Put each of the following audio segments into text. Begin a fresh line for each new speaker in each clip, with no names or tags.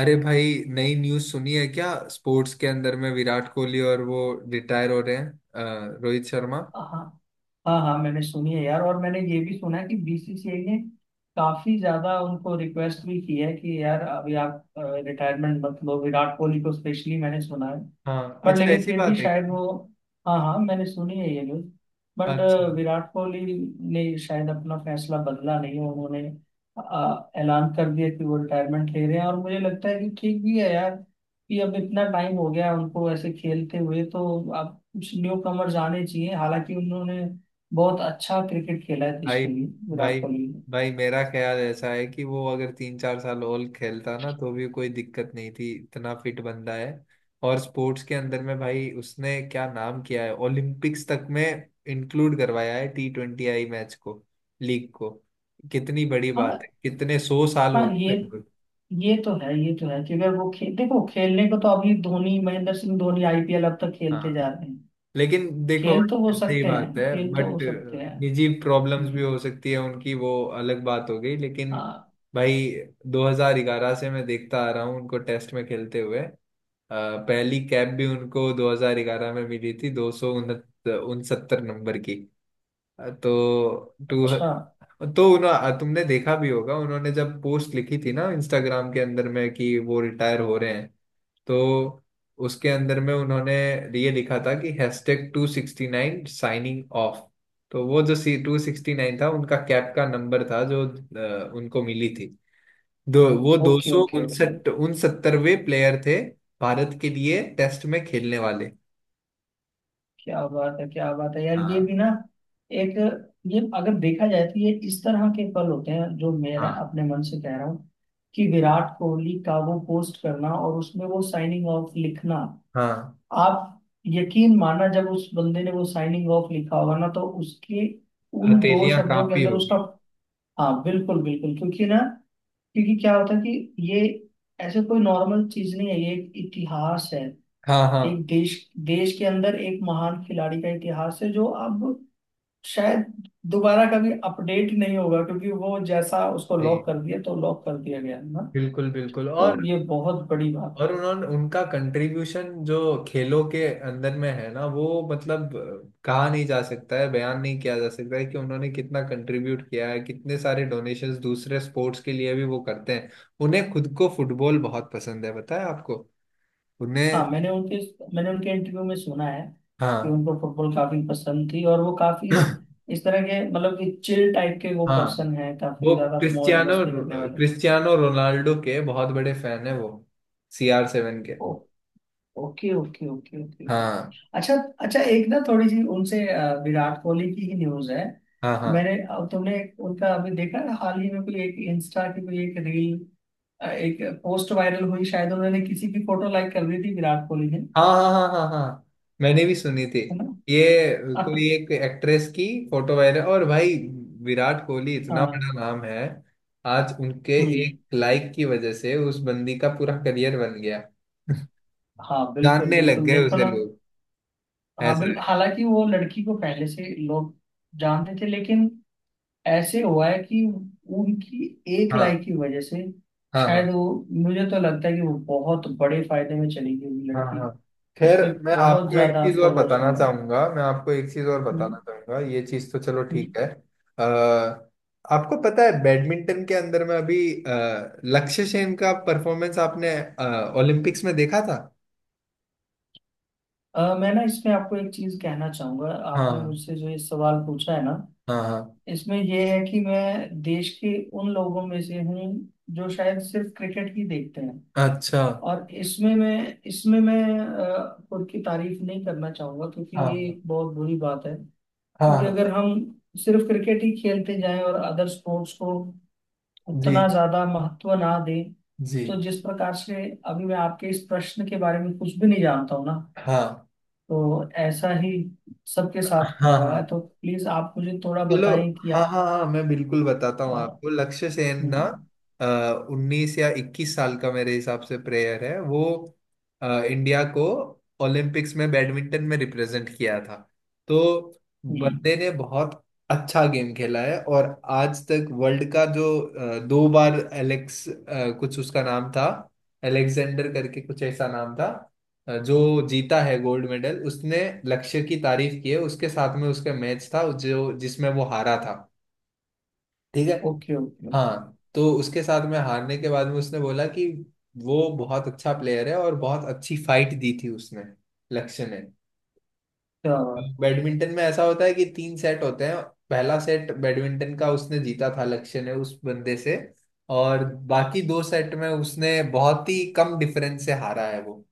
अरे भाई नई न्यूज़ सुनी है क्या स्पोर्ट्स के अंदर में विराट कोहली और वो रिटायर हो रहे हैं, रोहित शर्मा।
हाँ हाँ हाँ हाँ, मैंने सुनी है यार। और मैंने ये भी सुना है कि बीसीसीआई ने काफी ज्यादा उनको रिक्वेस्ट भी की है कि यार अभी आप रिटायरमेंट मत लो, विराट कोहली को स्पेशली मैंने सुना है।
हाँ
बट
अच्छा
लेकिन
ऐसी
फिर भी
बात है क्या।
शायद वो हाँ हाँ, मैंने सुनी है ये न्यूज। बट
अच्छा।
विराट कोहली ने शायद अपना फैसला बदला नहीं है, उन्होंने ऐलान कर दिया कि वो रिटायरमेंट ले रहे हैं। और मुझे लगता है कि ठीक भी है यार, कि अब इतना टाइम हो गया उनको ऐसे खेलते हुए। तो अब कुछ न्यू कमर्स आने चाहिए, हालांकि उन्होंने बहुत अच्छा क्रिकेट खेला है देश
भाई
के लिए,
भाई
विराट कोहली ने।
भाई मेरा ख्याल ऐसा है कि वो अगर तीन चार साल और खेलता ना तो भी कोई दिक्कत नहीं थी, इतना फिट बंदा है। और स्पोर्ट्स के अंदर में भाई उसने क्या नाम किया है, ओलंपिक्स तक में इंक्लूड करवाया है T20I मैच को, लीग को। कितनी बड़ी बात है,
हाँ
कितने सौ साल
हाँ,
हो गए
ये
लगभग।
ये तो है, ये तो है कि अगर वो देखो, खेलने को तो अभी धोनी, महेंद्र सिंह धोनी आईपीएल अब तक खेलते
हाँ,
जा रहे हैं।
लेकिन देखो
खेल तो हो
भाई सही
सकते हैं,
बात है
खेल तो
बट
हो सकते हैं।
निजी प्रॉब्लम्स भी
हम्म,
हो सकती है उनकी, वो अलग बात हो गई लेकिन।
हाँ
भाई, 2011 से मैं देखता आ रहा हूँ उनको टेस्ट में खेलते हुए। पहली कैप भी उनको 2011 में मिली थी, 270 नंबर की। अ, तो टू
अच्छा।
तो उन्हों तुमने देखा भी होगा उन्होंने जब पोस्ट लिखी थी ना इंस्टाग्राम के अंदर में कि वो रिटायर हो रहे हैं, तो उसके अंदर में उन्होंने ये लिखा था कि हैशटैग 269 साइनिंग ऑफ। तो वो जो C269 था उनका कैप का नंबर था जो उनको मिली थी। दो
ओके
सौ
ओके ओके।
उनसठ उनसत्तरवें प्लेयर थे भारत के लिए टेस्ट में खेलने वाले।
क्या बात है, क्या बात है यार, ये
हाँ
भी ना। एक, ये अगर देखा जाए तो ये इस तरह के पल होते हैं, जो मेरा
हाँ
अपने मन से कह रहा हूँ कि विराट कोहली का वो पोस्ट करना और उसमें वो साइनिंग ऑफ लिखना।
हाँ,
आप यकीन माना, जब उस बंदे ने वो साइनिंग ऑफ लिखा होगा ना, तो उसके उन दो
हथेलियां
शब्दों के
कांपी
अंदर उसका।
होगी।
हाँ बिल्कुल बिल्कुल, क्योंकि ना, क्योंकि क्या होता है कि ये ऐसे कोई नॉर्मल चीज नहीं है, ये एक इतिहास है।
हाँ हाँ।
एक देश, देश के अंदर एक महान खिलाड़ी का इतिहास है, जो अब शायद दोबारा कभी अपडेट नहीं होगा, क्योंकि वो जैसा उसको
जी,
लॉक कर दिया तो लॉक कर दिया गया ना।
बिल्कुल बिल्कुल।
तो ये बहुत बड़ी बात है।
और उन्होंने उनका कंट्रीब्यूशन जो खेलों के अंदर में है ना वो मतलब, कहा नहीं जा सकता है, बयान नहीं किया जा सकता है कि उन्होंने कितना कंट्रीब्यूट किया है। कितने सारे डोनेशंस दूसरे स्पोर्ट्स के लिए भी वो करते हैं। उन्हें खुद को फुटबॉल बहुत पसंद है, पता है आपको
हाँ
उन्हें।
मैंने उनके इंटरव्यू में सुना है कि
हाँ।
उनको फुटबॉल काफी पसंद थी। और वो काफी इस तरह के, मतलब कि चिल टाइप के वो
हाँ,
पर्सन है,
वो
काफी ज्यादा मौज
क्रिस्टियानो
मस्ती करने वाले।
क्रिस्टियानो रोनाल्डो के बहुत बड़े फैन है वो, CR7 के।
ओ- ओके ओके ओके ओके।
हाँ
अच्छा। अच्छा, एक ना थोड़ी सी उनसे विराट कोहली की ही न्यूज है।
हाँ हाँ
मैंने, अब तुमने उनका अभी देखा है हाल ही में, कोई एक इंस्टा की कोई एक रील, एक पोस्ट वायरल हुई? शायद उन्होंने किसी की फोटो लाइक कर दी थी विराट कोहली ने,
हाँ हाँ। हाँ हाँ हाँ, मैंने भी सुनी थी
है
ये, कोई
ना?
एक एक्ट्रेस की फोटो वायरल। और भाई विराट कोहली इतना
हाँ।
बड़ा नाम है, आज उनके एक
हम्म।
लाइक की वजह से उस बंदी का पूरा करियर बन गया।
हाँ बिल्कुल
जानने लग
बिल्कुल,
गए
देखो
उसे
ना।
लोग।
हाँ
ऐसा
बिल्कुल,
है।
हालांकि वो लड़की को पहले से लोग जानते थे, लेकिन ऐसे हुआ है कि उनकी एक लाइक
हाँ
की वजह से
हाँ हाँ
शायद वो, मुझे तो लगता है कि वो बहुत बड़े फायदे में चली गई वो
हाँ
लड़की,
हाँ। खैर,
उसके बहुत ज्यादा फॉलोअर्स हुआ।
मैं आपको एक चीज और
हम्म,
बताना चाहूंगा। ये चीज तो चलो
हम्म।
ठीक है। आ, आपको पता है बैडमिंटन के अंदर में अभी अ, लक्ष्य सेन का परफॉर्मेंस आपने, ओलंपिक्स में देखा था।
मैं ना इसमें आपको एक चीज कहना चाहूंगा। आपने
हाँ
मुझसे जो ये सवाल पूछा है ना,
हाँ हाँ।
इसमें ये है कि मैं देश के उन लोगों में से हूँ जो शायद सिर्फ क्रिकेट ही देखते हैं।
अच्छा।
और इसमें मैं खुद की तारीफ नहीं करना चाहूंगा, क्योंकि ये
हाँ
एक बहुत बुरी बात है।
हाँ
क्योंकि
हाँ।
अगर हम सिर्फ क्रिकेट ही खेलते जाएं और अदर स्पोर्ट्स को
जी
उतना ज्यादा महत्व ना दें,
जी।
तो जिस प्रकार से अभी मैं आपके इस प्रश्न के बारे में कुछ भी नहीं जानता हूं ना,
हाँ
तो ऐसा ही सबके साथ
हाँ
होने
हाँ,
वाला है। तो प्लीज आप मुझे थोड़ा
चलो।
बताएं कि
हाँ
आप।
हाँ हाँ, मैं बिल्कुल बताता हूँ
अ,
आपको। लक्ष्य सेन ना
हम्म।
19 या 21 साल का मेरे हिसाब से प्लेयर है वो। , इंडिया को ओलंपिक्स में बैडमिंटन में रिप्रेजेंट किया था। तो
हम्म।
बंदे ने बहुत अच्छा गेम खेला है। और आज तक वर्ल्ड का जो, दो बार कुछ उसका नाम था, एलेक्जेंडर करके कुछ ऐसा नाम था जो जीता है गोल्ड मेडल, उसने लक्ष्य की तारीफ की है। उसके साथ में उसका मैच था जो जिसमें वो हारा था, ठीक है।
Okay okay okay.
हाँ, तो उसके साथ में हारने के बाद में उसने बोला कि वो बहुत अच्छा प्लेयर है और बहुत अच्छी फाइट दी थी उसने, लक्ष्य ने।
क्या बात।
बैडमिंटन में ऐसा होता है कि 3 सेट होते हैं। पहला सेट बैडमिंटन का उसने जीता था, लक्ष्य ने उस बंदे से। और बाकी 2 सेट में उसने बहुत ही कम डिफरेंस से हारा है वो।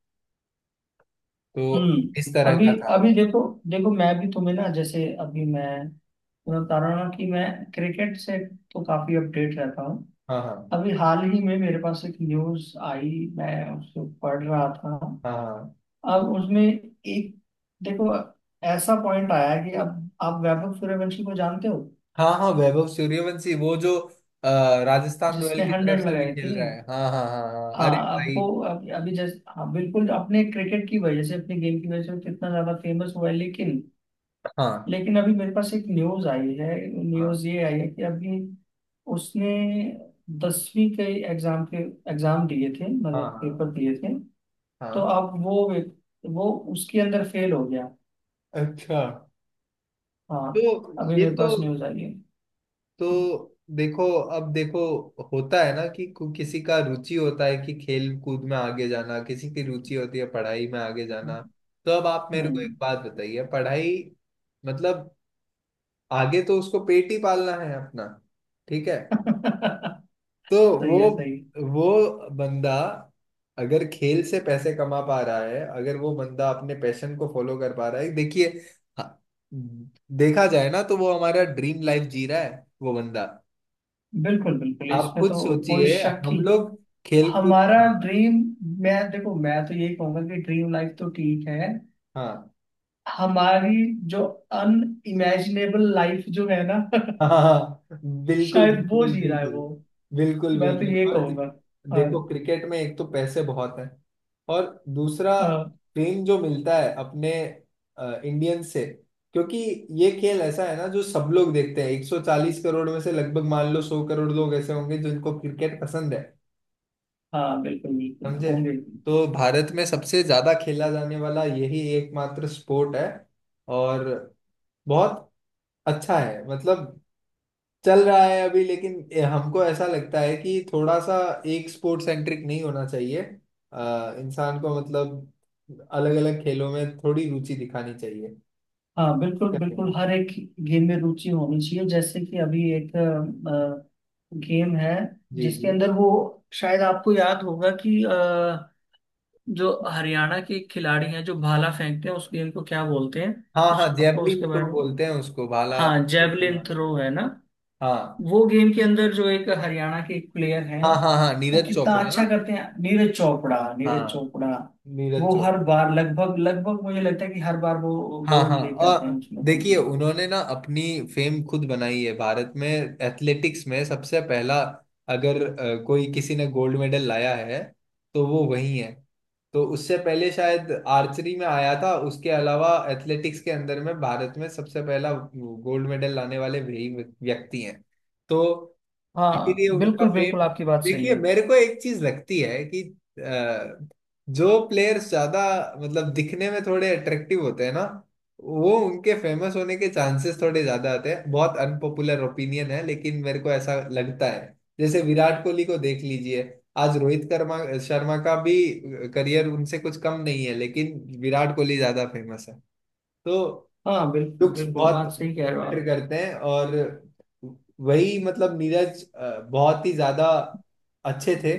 तो
हम्म।
इस तरह
अभी,
का था
अभी
उस-
देखो, देखो मैं भी तुम्हें ना, जैसे अभी मैं तुम्हें बता रहा हूं ना कि मैं क्रिकेट से तो काफी अपडेट रहता हूँ।
हाँ हाँ
अभी हाल ही में मेरे पास एक न्यूज आई, मैं उसको पढ़ रहा था।
हाँ हाँ
अब उसमें एक, देखो, ऐसा पॉइंट आया कि अब आप वैभव सूर्यवंशी को जानते हो,
हाँ हाँ, वैभव सूर्यवंशी वो जो अ, राजस्थान
जिसने
रॉयल की तरफ
100
से अभी
लगाई
खेल
थी?
रहा है। हाँ हाँ हाँ हाँ हाँ।
हाँ,
अरे
अब
भाई,
वो अभी जैसे, हाँ बिल्कुल, अपने क्रिकेट की वजह से अपने गेम की वजह से वो कितना ज्यादा फेमस हुआ है। लेकिन,
हाँ
लेकिन अभी मेरे पास एक न्यूज आई है।
हाँ
न्यूज ये आई है कि अभी उसने 10वीं के एग्जाम के एग्जाम दिए थे,
हाँ
मतलब
हाँ
पेपर दिए थे। तो
हाँ।
अब वो उसके अंदर फेल हो गया।
अच्छा।
हाँ,
तो
अभी
ये
मेरे
तो
पास न्यूज आई है।
तो देखो, अब देखो, होता है ना कि किसी का रुचि होता है कि खेल कूद में आगे जाना, किसी की रुचि होती है पढ़ाई में आगे जाना। तो अब आप मेरे को एक
हम्म।
बात बताइए, पढ़ाई मतलब आगे तो उसको पेट ही पालना है अपना, ठीक है। तो
सही
वो
है, सही है।
वो बंदा अगर खेल से पैसे कमा पा रहा है, अगर वो बंदा अपने पैशन को फॉलो कर पा रहा है, देखिए, हाँ, देखा जाए ना तो वो हमारा ड्रीम लाइफ जी रहा है वो बंदा।
बिल्कुल बिल्कुल,
आप
इसमें
खुद
तो कोई
सोचिए
शक ही।
हम लोग, खेल कूद।
हमारा
हाँ
ड्रीम, मैं देखो मैं तो यही कहूंगा कि ड्रीम लाइफ तो ठीक है,
हाँ।
हमारी जो अनइमेजिनेबल लाइफ जो है ना,
हाँ, बिल्कुल
शायद वो
बिल्कुल।
जी रहा है
बिल्कुल
वो।
बिल्कुल
मैं तो
बिल्कुल।
ये
और
कहूंगा। हाँ।
देखो क्रिकेट में एक तो पैसे बहुत हैं, और दूसरा
हाँ,
फेम जो मिलता है अपने इंडियन से, क्योंकि ये खेल ऐसा है ना जो सब लोग देखते हैं। 140 करोड़ में से लगभग मान लो 100 करोड़ लोग ऐसे होंगे जिनको क्रिकेट पसंद है,
हाँ बिल्कुल बिल्कुल
समझे।
होंगे।
तो भारत में सबसे ज्यादा खेला जाने वाला यही एकमात्र स्पोर्ट है। और बहुत अच्छा है, मतलब चल रहा है अभी। लेकिन हमको ऐसा लगता है कि थोड़ा सा एक स्पोर्ट सेंट्रिक नहीं होना चाहिए, इंसान को। मतलब अलग अलग खेलों में थोड़ी रुचि दिखानी चाहिए।
हाँ बिल्कुल
क्या कहना
बिल्कुल,
है?
हर एक गेम में रुचि होनी चाहिए। जैसे कि अभी एक गेम है,
जी
जिसके
जी।
अंदर वो, शायद आपको याद होगा कि जो हरियाणा के खिलाड़ी हैं जो भाला फेंकते हैं, उस गेम को क्या बोलते हैं?
हाँ हाँ,
कुछ आपको
जैवलिन
उसके बारे
थ्रो
में?
बोलते हैं उसको, भाला
हाँ
फेंकने
जेवलिन
वाले को।
थ्रो है ना।
हाँ
वो गेम के अंदर जो एक हरियाणा के एक प्लेयर हैं,
हाँ हाँ हाँ,
वो
नीरज
कितना
चोपड़ा ना।
अच्छा करते हैं, नीरज चोपड़ा, नीरज
हाँ,
चोपड़ा।
नीरज
वो हर
चोपड़ा।
बार, लगभग लगभग मुझे लगता है कि हर बार वो
हाँ हाँ,
गोल्ड लेके आते
और
हैं उसमें अपने
देखिए
लिए।
उन्होंने ना अपनी फेम खुद बनाई है। भारत में एथलेटिक्स में सबसे पहला अगर, कोई किसी ने गोल्ड मेडल लाया है तो वो वही है। तो उससे पहले शायद आर्चरी में आया था, उसके अलावा एथलेटिक्स के अंदर में भारत में सबसे पहला गोल्ड मेडल लाने वाले वही व्यक्ति हैं। तो
हाँ
इसीलिए उनका
बिल्कुल बिल्कुल,
फेम,
आपकी बात सही
देखिए
है।
मेरे को एक चीज लगती है कि अ, जो प्लेयर्स ज्यादा मतलब दिखने में थोड़े अट्रैक्टिव होते हैं ना, वो उनके फेमस होने के चांसेस थोड़े ज्यादा आते हैं। बहुत अनपॉपुलर ओपिनियन है लेकिन मेरे को ऐसा लगता है। जैसे विराट कोहली को देख लीजिए, आज रोहित कर्मा शर्मा का भी करियर उनसे कुछ कम नहीं है, लेकिन विराट कोहली ज्यादा फेमस है। तो
हाँ बिल्कुल
लुक्स
बिल्कुल,
बहुत
बात सही कह रहे हो
मैटर
आप।
करते हैं। और वही मतलब नीरज, बहुत ही ज्यादा अच्छे थे।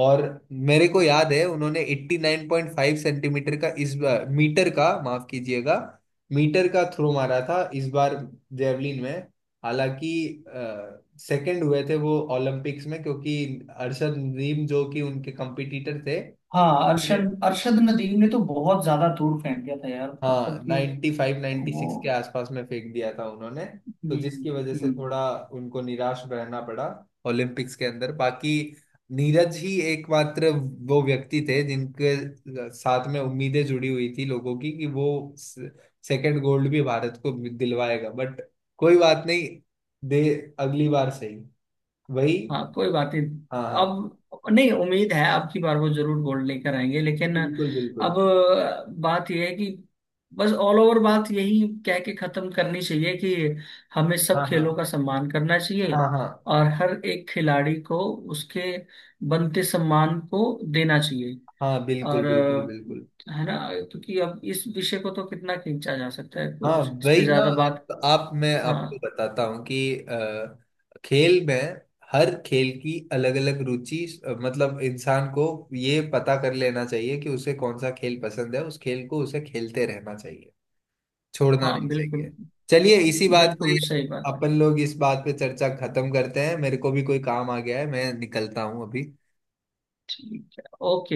और मेरे को याद है उन्होंने 89.5 सेंटीमीटर का इस बार मीटर का, माफ कीजिएगा, मीटर का थ्रो मारा था इस बार जेवलिन में। हालांकि सेकंड हुए थे वो ओलंपिक्स में, क्योंकि अरशद नदीम जो कि उनके कंपटीटर थे,
हाँ, अरशद अरशद नदीम ने तो बहुत ज्यादा दूर फेंक दिया था यार,
हाँ
मतलब कि
नाइन्टी फाइव नाइन्टी
वो।
सिक्स के आसपास में फेंक दिया था उन्होंने। तो
हम्म।
जिसकी वजह से
हम्म।
थोड़ा उनको निराश रहना पड़ा ओलंपिक्स के अंदर। बाकी नीरज ही एकमात्र वो व्यक्ति थे जिनके साथ में उम्मीदें जुड़ी हुई थी लोगों की, कि वो सेकंड गोल्ड भी भारत को दिलवाएगा, बट कोई बात नहीं। दे, अगली बार सही। वही,
हाँ कोई बात नहीं,
हाँ हाँ,
अब नहीं, उम्मीद है अब की बार वो जरूर गोल्ड लेकर आएंगे। लेकिन
बिल्कुल बिल्कुल।
अब बात यह है कि बस ऑल ओवर बात यही कह के खत्म करनी चाहिए कि हमें सब
हाँ
खेलों
हाँ
का सम्मान करना चाहिए।
हाँ हाँ
और हर एक खिलाड़ी को उसके बनते सम्मान को देना चाहिए।
हाँ, बिल्कुल
और
बिल्कुल बिल्कुल।
है ना, क्योंकि अब इस विषय को तो कितना खींचा जा सकता है,
हाँ
कुछ इस पे
वही ना।
ज्यादा बात।
आप, मैं आपको
हाँ।
बताता हूँ कि, खेल में हर खेल की अलग अलग रुचि, मतलब इंसान को ये पता कर लेना चाहिए कि उसे कौन सा खेल पसंद है, उस खेल को उसे खेलते रहना चाहिए, छोड़ना
हाँ
नहीं चाहिए।
बिल्कुल
चलिए, इसी बात पे
बिल्कुल, सही बात है।
अपन लोग इस बात पे चर्चा खत्म करते हैं। मेरे को भी कोई काम आ गया है, मैं निकलता हूँ अभी।
ठीक है। ओके।